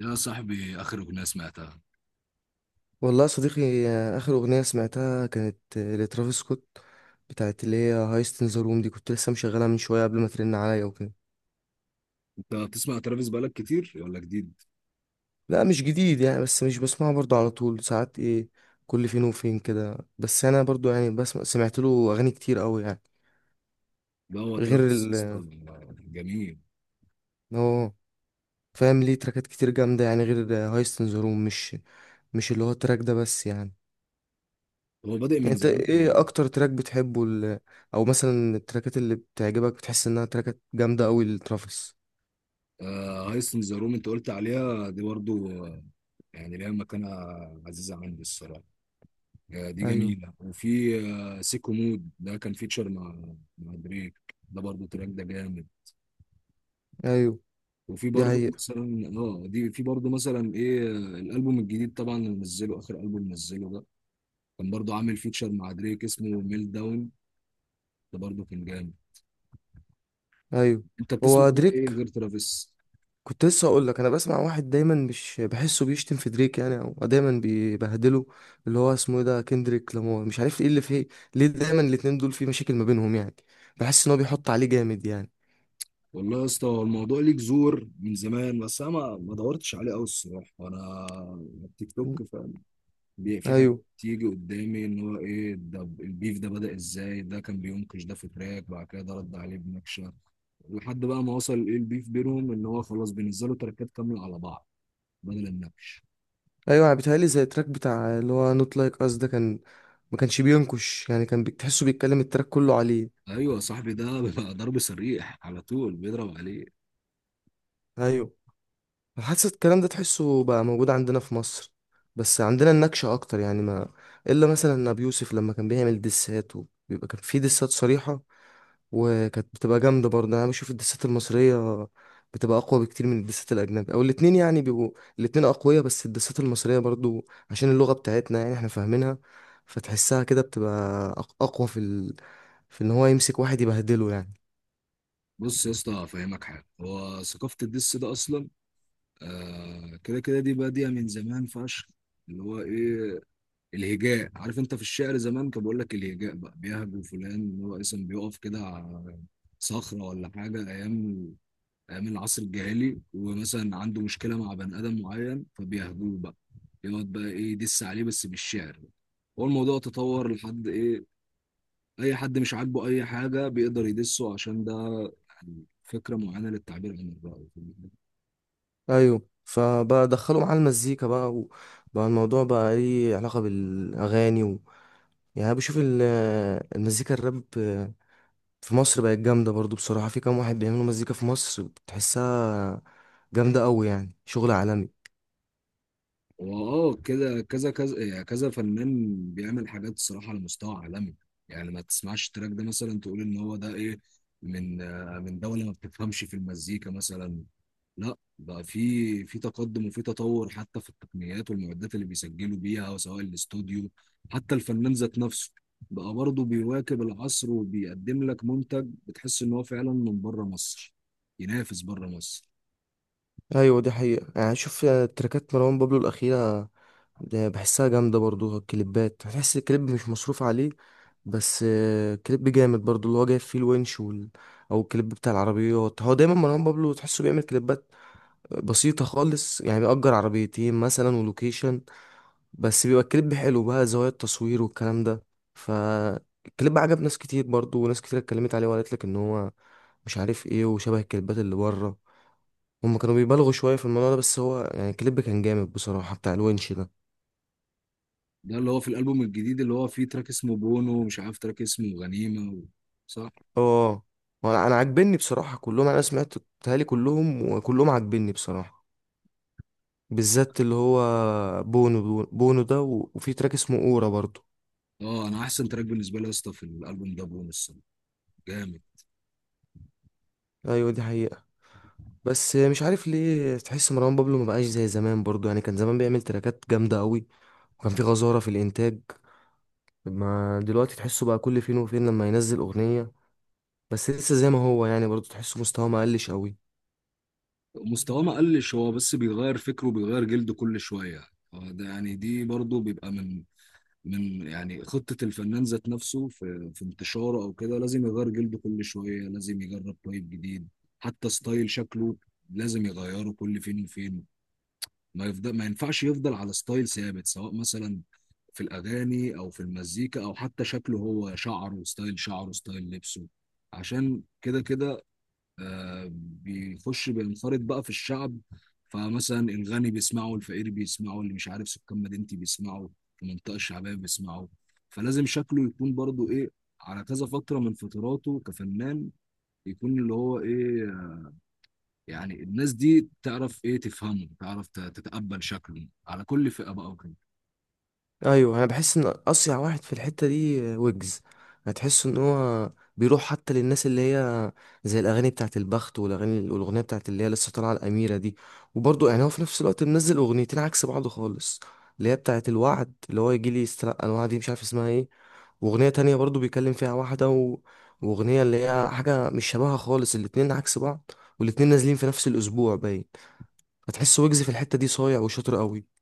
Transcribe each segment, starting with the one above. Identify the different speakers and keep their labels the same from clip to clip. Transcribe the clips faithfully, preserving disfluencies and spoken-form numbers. Speaker 1: يا صاحبي، آخر أغنية سمعتها؟
Speaker 2: والله يا صديقي، آه، آخر أغنية سمعتها كانت آه، لترافيس سكوت. بتاعت اللي هي هايست إن ذا روم، دي كنت لسه مشغلها من شوية قبل ما ترن عليا وكده.
Speaker 1: أنت بتسمع ترافيس بقالك كتير ولا جديد؟
Speaker 2: لا، مش جديد يعني، بس مش بسمعه برضه على طول ساعات، إيه، كل فين وفين كده. بس أنا برضه يعني بسمع سمعت له أغاني كتير أوي يعني.
Speaker 1: لا، هو
Speaker 2: غير
Speaker 1: ترافيس
Speaker 2: ال
Speaker 1: أصلاً جميل.
Speaker 2: إن هو فاهم، ليه تراكات كتير جامدة يعني غير هايست إن ذا روم. مش مش اللي هو التراك ده بس يعني.
Speaker 1: هو بادئ من
Speaker 2: أنت
Speaker 1: زمان، خلي
Speaker 2: إيه
Speaker 1: بالك.
Speaker 2: أكتر تراك بتحبه ال- أو مثلا التراكات اللي بتعجبك بتحس إنها تراكات جامدة أوي لترافيس؟
Speaker 1: آه، هايست إن ذا روم أنت قلت عليها دي برضو، آه، يعني ليها مكانة عزيزة عندي الصراحة. آه، دي
Speaker 2: ايوه.
Speaker 1: جميلة. وفي آه، سيكو مود ده، كان فيتشر مع مع دريك، ده برضو تراك ده جامد.
Speaker 2: ايوه،
Speaker 1: وفي
Speaker 2: دي
Speaker 1: برضه
Speaker 2: حقيقة.
Speaker 1: مثلا، اه دي في برضه مثلا ايه، آه، الالبوم الجديد طبعا اللي نزله، اخر البوم نزله ده، كان برضه عامل فيتشر مع دريك اسمه ميل داون، ده برضه كان جامد.
Speaker 2: ايوه.
Speaker 1: انت بتسمع
Speaker 2: هو
Speaker 1: بقى ايه
Speaker 2: دريك،
Speaker 1: غير ترافيس؟
Speaker 2: كنت لسه اقول لك انا بسمع واحد دايما مش بحسه بيشتم في دريك يعني، او دايما بيبهدله، اللي هو اسمه ايه ده، كندريك لامار، مش عارف ايه اللي فيه. ليه دايما الاتنين دول في مشاكل ما بينهم يعني؟ بحس ان هو بيحط عليه جامد يعني.
Speaker 1: والله يا اسطى، هو الموضوع ليك زور من زمان، بس انا ما ما دورتش عليه قوي الصراحه. انا التيك
Speaker 2: م.
Speaker 1: توك فاهم، بي- في حاجات
Speaker 2: ايوه.
Speaker 1: تيجي قدامي ان هو ايه ده، البيف ده بدأ ازاي، ده كان بينكش، ده في تراك بعد كده ده رد عليه بنكشه، لحد بقى ما وصل ايه البيف بينهم ان هو خلاص بينزلوا تراكات كامله على بعض بدل النكش.
Speaker 2: ايوه، انا بيتهيألي زي التراك بتاع اللي هو نوت لايك اس ده، كان ما كانش بينكش يعني، كان بتحسه بيتكلم التراك كله عليه.
Speaker 1: ايوه صاحبي، ده بيبقى ضرب صريح على طول، بيضرب عليه.
Speaker 2: ايوه. حاسس الكلام ده تحسه بقى موجود عندنا في مصر، بس عندنا النكشة أكتر يعني، ما إلا مثلا أبي يوسف لما كان بيعمل دسات، وبيبقى كان في دسات صريحة، وكانت بتبقى جامدة برضه. أنا بشوف الدسات المصرية بتبقى أقوى بكتير من الدسات الأجنبي، أو الاتنين يعني بيبقوا الاتنين أقوياء، بس الدسات المصرية برضه، عشان اللغة بتاعتنا يعني إحنا فاهمينها، فتحسها كده بتبقى أق- أقوى في ال... في إن هو يمسك واحد يبهدله يعني.
Speaker 1: بص يا اسطى، افهمك حاجه، هو ثقافه الدس ده اصلا، آه، كده كده دي بادية من زمان فشخ. اللي هو ايه، الهجاء، عارف انت في الشعر زمان كان بيقول لك الهجاء بقى، بيهجو فلان اللي هو اصلا بيقف كده على صخرة ولا حاجة، ايام ايام العصر الجاهلي، ومثلا عنده مشكلة مع بني ادم معين فبيهجوه بقى، يقعد بقى ايه، يدس عليه بس بالشعر. هو الموضوع تطور لحد ايه، اي حد مش عاجبه اي حاجة بيقدر يدسه، عشان ده يعني فكرة معينة للتعبير عن الرأي.
Speaker 2: ايوه. فبقى دخلوا معاه المزيكا بقى، وبقى الموضوع بقى ايه علاقه بالاغاني و، يعني أنا بشوف ال- المزيكا الراب في مصر بقت جامده برضو. بصراحه، في كام واحد بيعملوا مزيكا في مصر بتحسها جامده قوي، يعني شغل عالمي.
Speaker 1: واه كده كذا كذا، يعني كذا فنان بيعمل حاجات الصراحه على مستوى عالمي، يعني ما تسمعش التراك ده مثلا تقول ان هو ده ايه، من آه، من دوله ما بتفهمش في المزيكا مثلا. لا بقى، في في تقدم وفي تطور حتى في التقنيات والمعدات اللي بيسجلوا بيها سواء الاستوديو، حتى الفنان ذات نفسه بقى برضه بيواكب العصر وبيقدم لك منتج بتحس ان هو فعلا من بره مصر، ينافس بره مصر.
Speaker 2: ايوه، دي حقيقه يعني. شوف تراكات مروان بابلو الاخيره، ده بحسها جامده برضو. الكليبات، بحس الكليب مش مصروف عليه، بس آه، كليب جامد برضو، اللي هو جايب فيه الونش وال... او الكليب بتاع العربيات. هو دايما مروان بابلو تحسه بيعمل كليبات بسيطة خالص، يعني بيأجر عربيتين مثلا ولوكيشن، بس بيبقى الكليب حلو بقى، زوايا التصوير والكلام ده. فالكليب عجب ناس كتير برضو، وناس كتير اتكلمت عليه وقالت لك ان هو مش عارف ايه، وشبه الكليبات اللي بره. هما كانوا بيبالغوا شوية في الموضوع ده، بس هو يعني الكليب كان جامد بصراحة بتاع الونش ده.
Speaker 1: ده اللي هو في الالبوم الجديد اللي هو فيه تراك اسمه بونو، ومش عارف تراك اسمه غنيمه و... صح.
Speaker 2: اه. وانا انا عاجبني بصراحة كلهم، انا سمعت بتهيألي كلهم، وكلهم عاجبني بصراحة، بالذات اللي هو بونو، بونو ده، و- وفي تراك اسمه اورا برضو.
Speaker 1: اه، انا احسن تراك بالنسبه لي يا اسطى في الالبوم ده بونو، الصراحه جامد.
Speaker 2: ايوه، دي حقيقة. بس مش عارف ليه، تحس مروان بابلو ما بقاش زي زمان برضو يعني، كان زمان بيعمل تراكات جامدة قوي، وكان في غزارة في الإنتاج. ما دلوقتي تحسه بقى كل فين وفين لما ينزل أغنية، بس لسه زي ما هو يعني برضو، تحسه مستواه ما قلش قوي.
Speaker 1: مستواه ما قلش، هو بس بيغير فكره وبيغير جلده كل شويه. يعني آه، ده يعني دي برضه بيبقى من من يعني خطه الفنان ذات نفسه في في انتشاره او كده، لازم يغير جلده كل شويه، لازم يجرب طيب جديد. حتى ستايل شكله لازم يغيره كل فين وفين، ما يفضل، ما ينفعش يفضل على ستايل ثابت، سواء مثلا في الاغاني او في المزيكا، او حتى شكله هو، شعره وستايل شعره وستايل لبسه. عشان كده كده آه بيخش، بينخرط بقى في الشعب، فمثلا الغني بيسمعه، الفقير بيسمعه، اللي مش عارف سكان مدينتي بيسمعه، المنطقه الشعبيه بيسمعه. فلازم شكله يكون برضو ايه، على كذا فتره من فتراته كفنان، يكون اللي هو ايه، يعني الناس دي تعرف ايه، تفهمه، تعرف ت- تتقبل شكله على كل فئة بقى وكده.
Speaker 2: ايوه، انا بحس ان اصيع واحد في الحته دي ويجز. هتحس ان هو بيروح حتى للناس اللي هي زي الاغاني بتاعت البخت والاغاني، والاغنيه بتاعت اللي هي لسه طالعه، الاميره دي. وبرضه يعني، هو في نفس الوقت منزل اغنيتين عكس بعض خالص، اللي هي بتاعت الوعد، اللي هو يجي لي يستلقى الوعد، دي مش عارف اسمها ايه. واغنيه تانية برضه بيكلم فيها واحده و، واغنيه اللي هي حاجه مش شبهها خالص، الاتنين عكس بعض، والاتنين نازلين في نفس الاسبوع باين. هتحس ويجز في الحته دي صايع وشاطر قوي.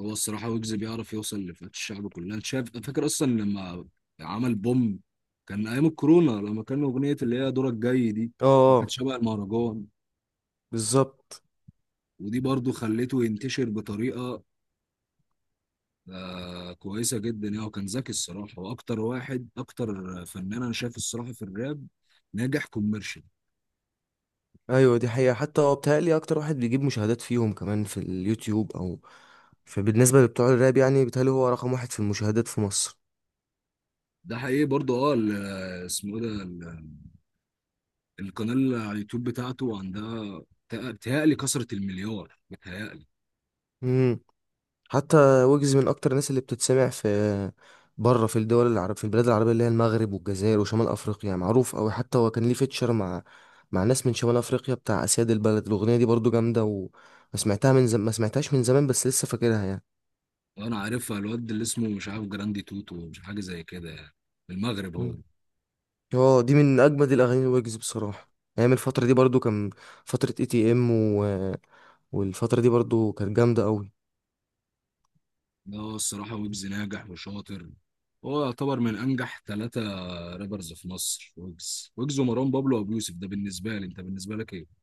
Speaker 1: هو الصراحة ويجز بيعرف يوصل لفئات الشعب كلها، انت شايف؟ فاكر اصلا لما عمل بوم، كان ايام الكورونا، لما كان اغنية اللي هي دورك جاي دي،
Speaker 2: اه.
Speaker 1: كانت
Speaker 2: آه،
Speaker 1: شبه المهرجان،
Speaker 2: بالظبط.
Speaker 1: ودي برضو خلته ينتشر بطريقة آه كويسة جدا يعني. وكان ذكي الصراحة، واكتر واحد، اكتر فنان انا شايف الصراحة في الراب ناجح كوميرشال.
Speaker 2: ايوه، دي حقيقة. حتى هو بيتهيألي اكتر واحد بيجيب مشاهدات فيهم كمان في اليوتيوب، او فبالنسبة لبتوع الراب يعني، بيتهيألي هو رقم واحد في المشاهدات في مصر.
Speaker 1: ده حقيقي برضو. اه، ال- اسمه ايه ده، القناة اللي على اليوتيوب بتاعته عندها بتاع- بتهيألي كسرت المليار بتهيألي.
Speaker 2: امم. حتى ويجز من اكتر الناس اللي بتتسمع في بره، في الدول العرب، في البلاد العربية اللي هي المغرب والجزائر وشمال افريقيا، معروف اوي. حتى هو كان ليه فيتشر مع مع ناس من شمال افريقيا، بتاع اسياد البلد، الاغنية دي برضو جامدة. وما سمعتها من زم... ما سمعتهاش من زمان، بس لسه فاكرها يعني.
Speaker 1: وأنا عارفها، الواد اللي اسمه مش عارف جراندي توتو مش حاجة زي كده يعني، من المغرب هو.
Speaker 2: اه، دي من اجمد الاغاني الويجز بصراحه. ايام الفتره دي برضو، كان فتره اي تي ام، و... والفتره دي برضو كانت جامده قوي.
Speaker 1: ده هو الصراحة ويجز ناجح وشاطر، هو يعتبر من أنجح ثلاثة رابرز في مصر: ويجز، ويجز ومروان بابلو وأبو يوسف، ده بالنسبة لي، أنت بالنسبة لك إيه؟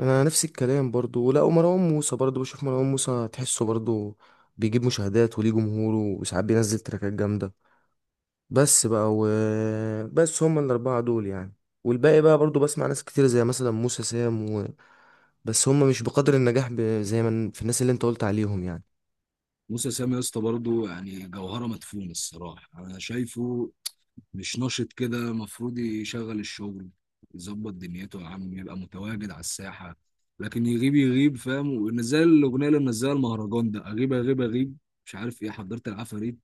Speaker 2: انا نفس الكلام برضو. لا، ومروان موسى برضو، بشوف مروان موسى تحسه برضو بيجيب مشاهدات وليه جمهوره، وساعات بينزل تراكات جامده. بس بقى و، بس هما الاربعه دول يعني، والباقي بقى برضو بسمع ناس كتير زي مثلا موسى سام، و... بس هما مش بقدر النجاح ب... زي ما في الناس اللي انت قلت عليهم يعني.
Speaker 1: موسى سام يا اسطى برضه يعني جوهرة مدفونة الصراحة أنا شايفه. مش نشط كده، المفروض يشغل الشغل، يظبط دنيته يا عم، يبقى متواجد على الساحة. لكن يغيب يغيب، فاهم؟ ونزل الأغنية اللي منزلها المهرجان ده، أغيب أغيب أغيب، مش عارف إيه، حضرت العفاريت.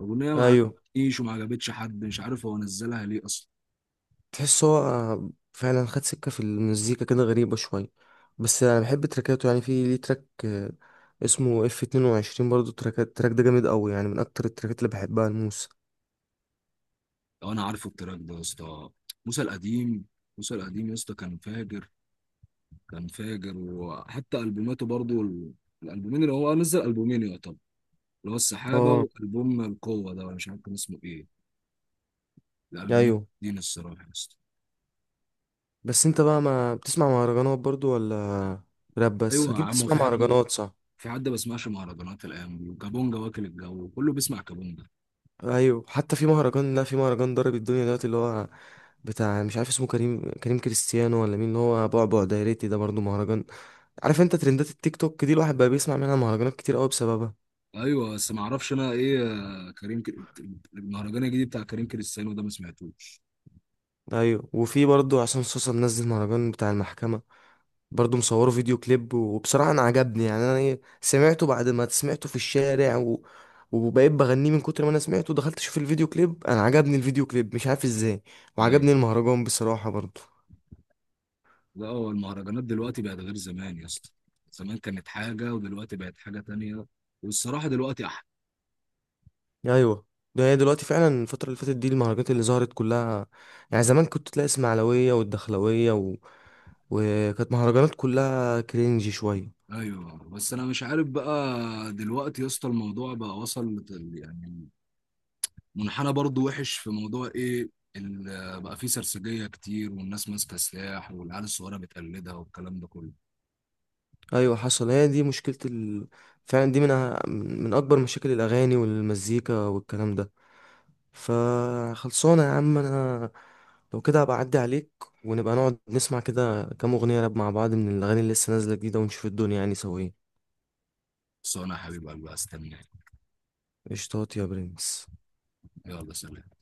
Speaker 1: أغنية ما
Speaker 2: ايوه،
Speaker 1: عجبتنيش وما عجبتش حد، مش عارف هو نزلها ليه أصلا.
Speaker 2: تحس هو فعلا خد سكة في المزيكا كده غريبة شوية، بس أنا بحب تراكاته يعني، في ليه تراك آه، اسمه اف اتنين وعشرين، برضه تراك التراك ده جامد أوي يعني، من أكتر التراكات اللي بحبها الموسى.
Speaker 1: لو أنا عارفه التراك ده يا اسطى، موسى القديم، موسى القديم يا اسطى كان فاجر، كان فاجر. وحتى ألبوماته برضو ال- الألبومين اللي هو نزل، ألبومين يعتبر، اللي هو السحابة
Speaker 2: اه.
Speaker 1: وألبوم القوة ده، ولا مش عارف كان اسمه إيه الالبومات
Speaker 2: أيوه.
Speaker 1: دي الصراحه يا اسطى.
Speaker 2: بس أنت بقى ما بتسمع مهرجانات برضه، ولا راب بس؟
Speaker 1: ايوه يا
Speaker 2: أكيد
Speaker 1: عم، هو
Speaker 2: بتسمع
Speaker 1: في حد،
Speaker 2: مهرجانات، صح؟
Speaker 1: في حد ما بيسمعش مهرجانات الايام دي؟ وكابونجا، واكل الجو كله بيسمع كابونجا.
Speaker 2: أيوه، حتى في مهرجان، لا، في مهرجان ضرب الدنيا دلوقتي، اللي هو بتاع مش عارف اسمه، كريم كريم كريستيانو ولا مين، اللي هو بعبع دايرتي ده برضه مهرجان. عارف أنت ترندات التيك توك دي، الواحد بقى بيسمع منها مهرجانات كتير أوي بسببها.
Speaker 1: ايوه، بس ما اعرفش انا ايه، آه، كريم ك... المهرجان الجديد بتاع كريم كريستيانو ده ما سمعتوش.
Speaker 2: ايوه، وفي برضو عشان صوصه منزل مهرجان بتاع المحكمه، برضو مصوره فيديو كليب. وبصراحه انا عجبني، يعني انا إيه، سمعته بعد ما سمعته في الشارع، و... وبقيت بغنيه من كتر ما انا سمعته، دخلت اشوف الفيديو كليب، انا عجبني الفيديو كليب مش عارف ازاي، وعجبني
Speaker 1: ايوه،
Speaker 2: المهرجان بصراحه برضو.
Speaker 1: لا هو المهرجانات دلوقتي بقت غير زمان يا اسطى، زمان كانت حاجه ودلوقتي بقت حاجه تانية، والصراحه دلوقتي احلى.
Speaker 2: ايوه. ده هي دلوقتي فعلا الفتره اللي فاتت دي، المهرجانات اللي ظهرت كلها، يعني زمان كنت تلاقي اسماعيلويه والدخلاويه، و... وكانت مهرجانات كلها كرينجي شويه.
Speaker 1: ايوه، بس انا مش عارف بقى، دلوقتي يا اسطى الموضوع بقى وصل لت- يعني منحنى برضو وحش في موضوع ايه، ال- بقى فيه سرسجية كتير والناس ماسكة سلاح والعيال الصغيرة بتقلدها والكلام ده كله.
Speaker 2: ايوه، حصل. هي دي مشكله ال... فعلا، دي من أه- من اكبر مشاكل الاغاني والمزيكا والكلام ده. فخلصانه يا عم، انا لو كده هبقى اعدي عليك، ونبقى نقعد نسمع كده كام اغنيه راب مع بعض، من الاغاني اللي لسه نازله جديده، ونشوف الدنيا يعني سوا ايه.
Speaker 1: بس انا يا حبيب قلبي استناك.
Speaker 2: قشطات يا برنس.
Speaker 1: يلا، سلام.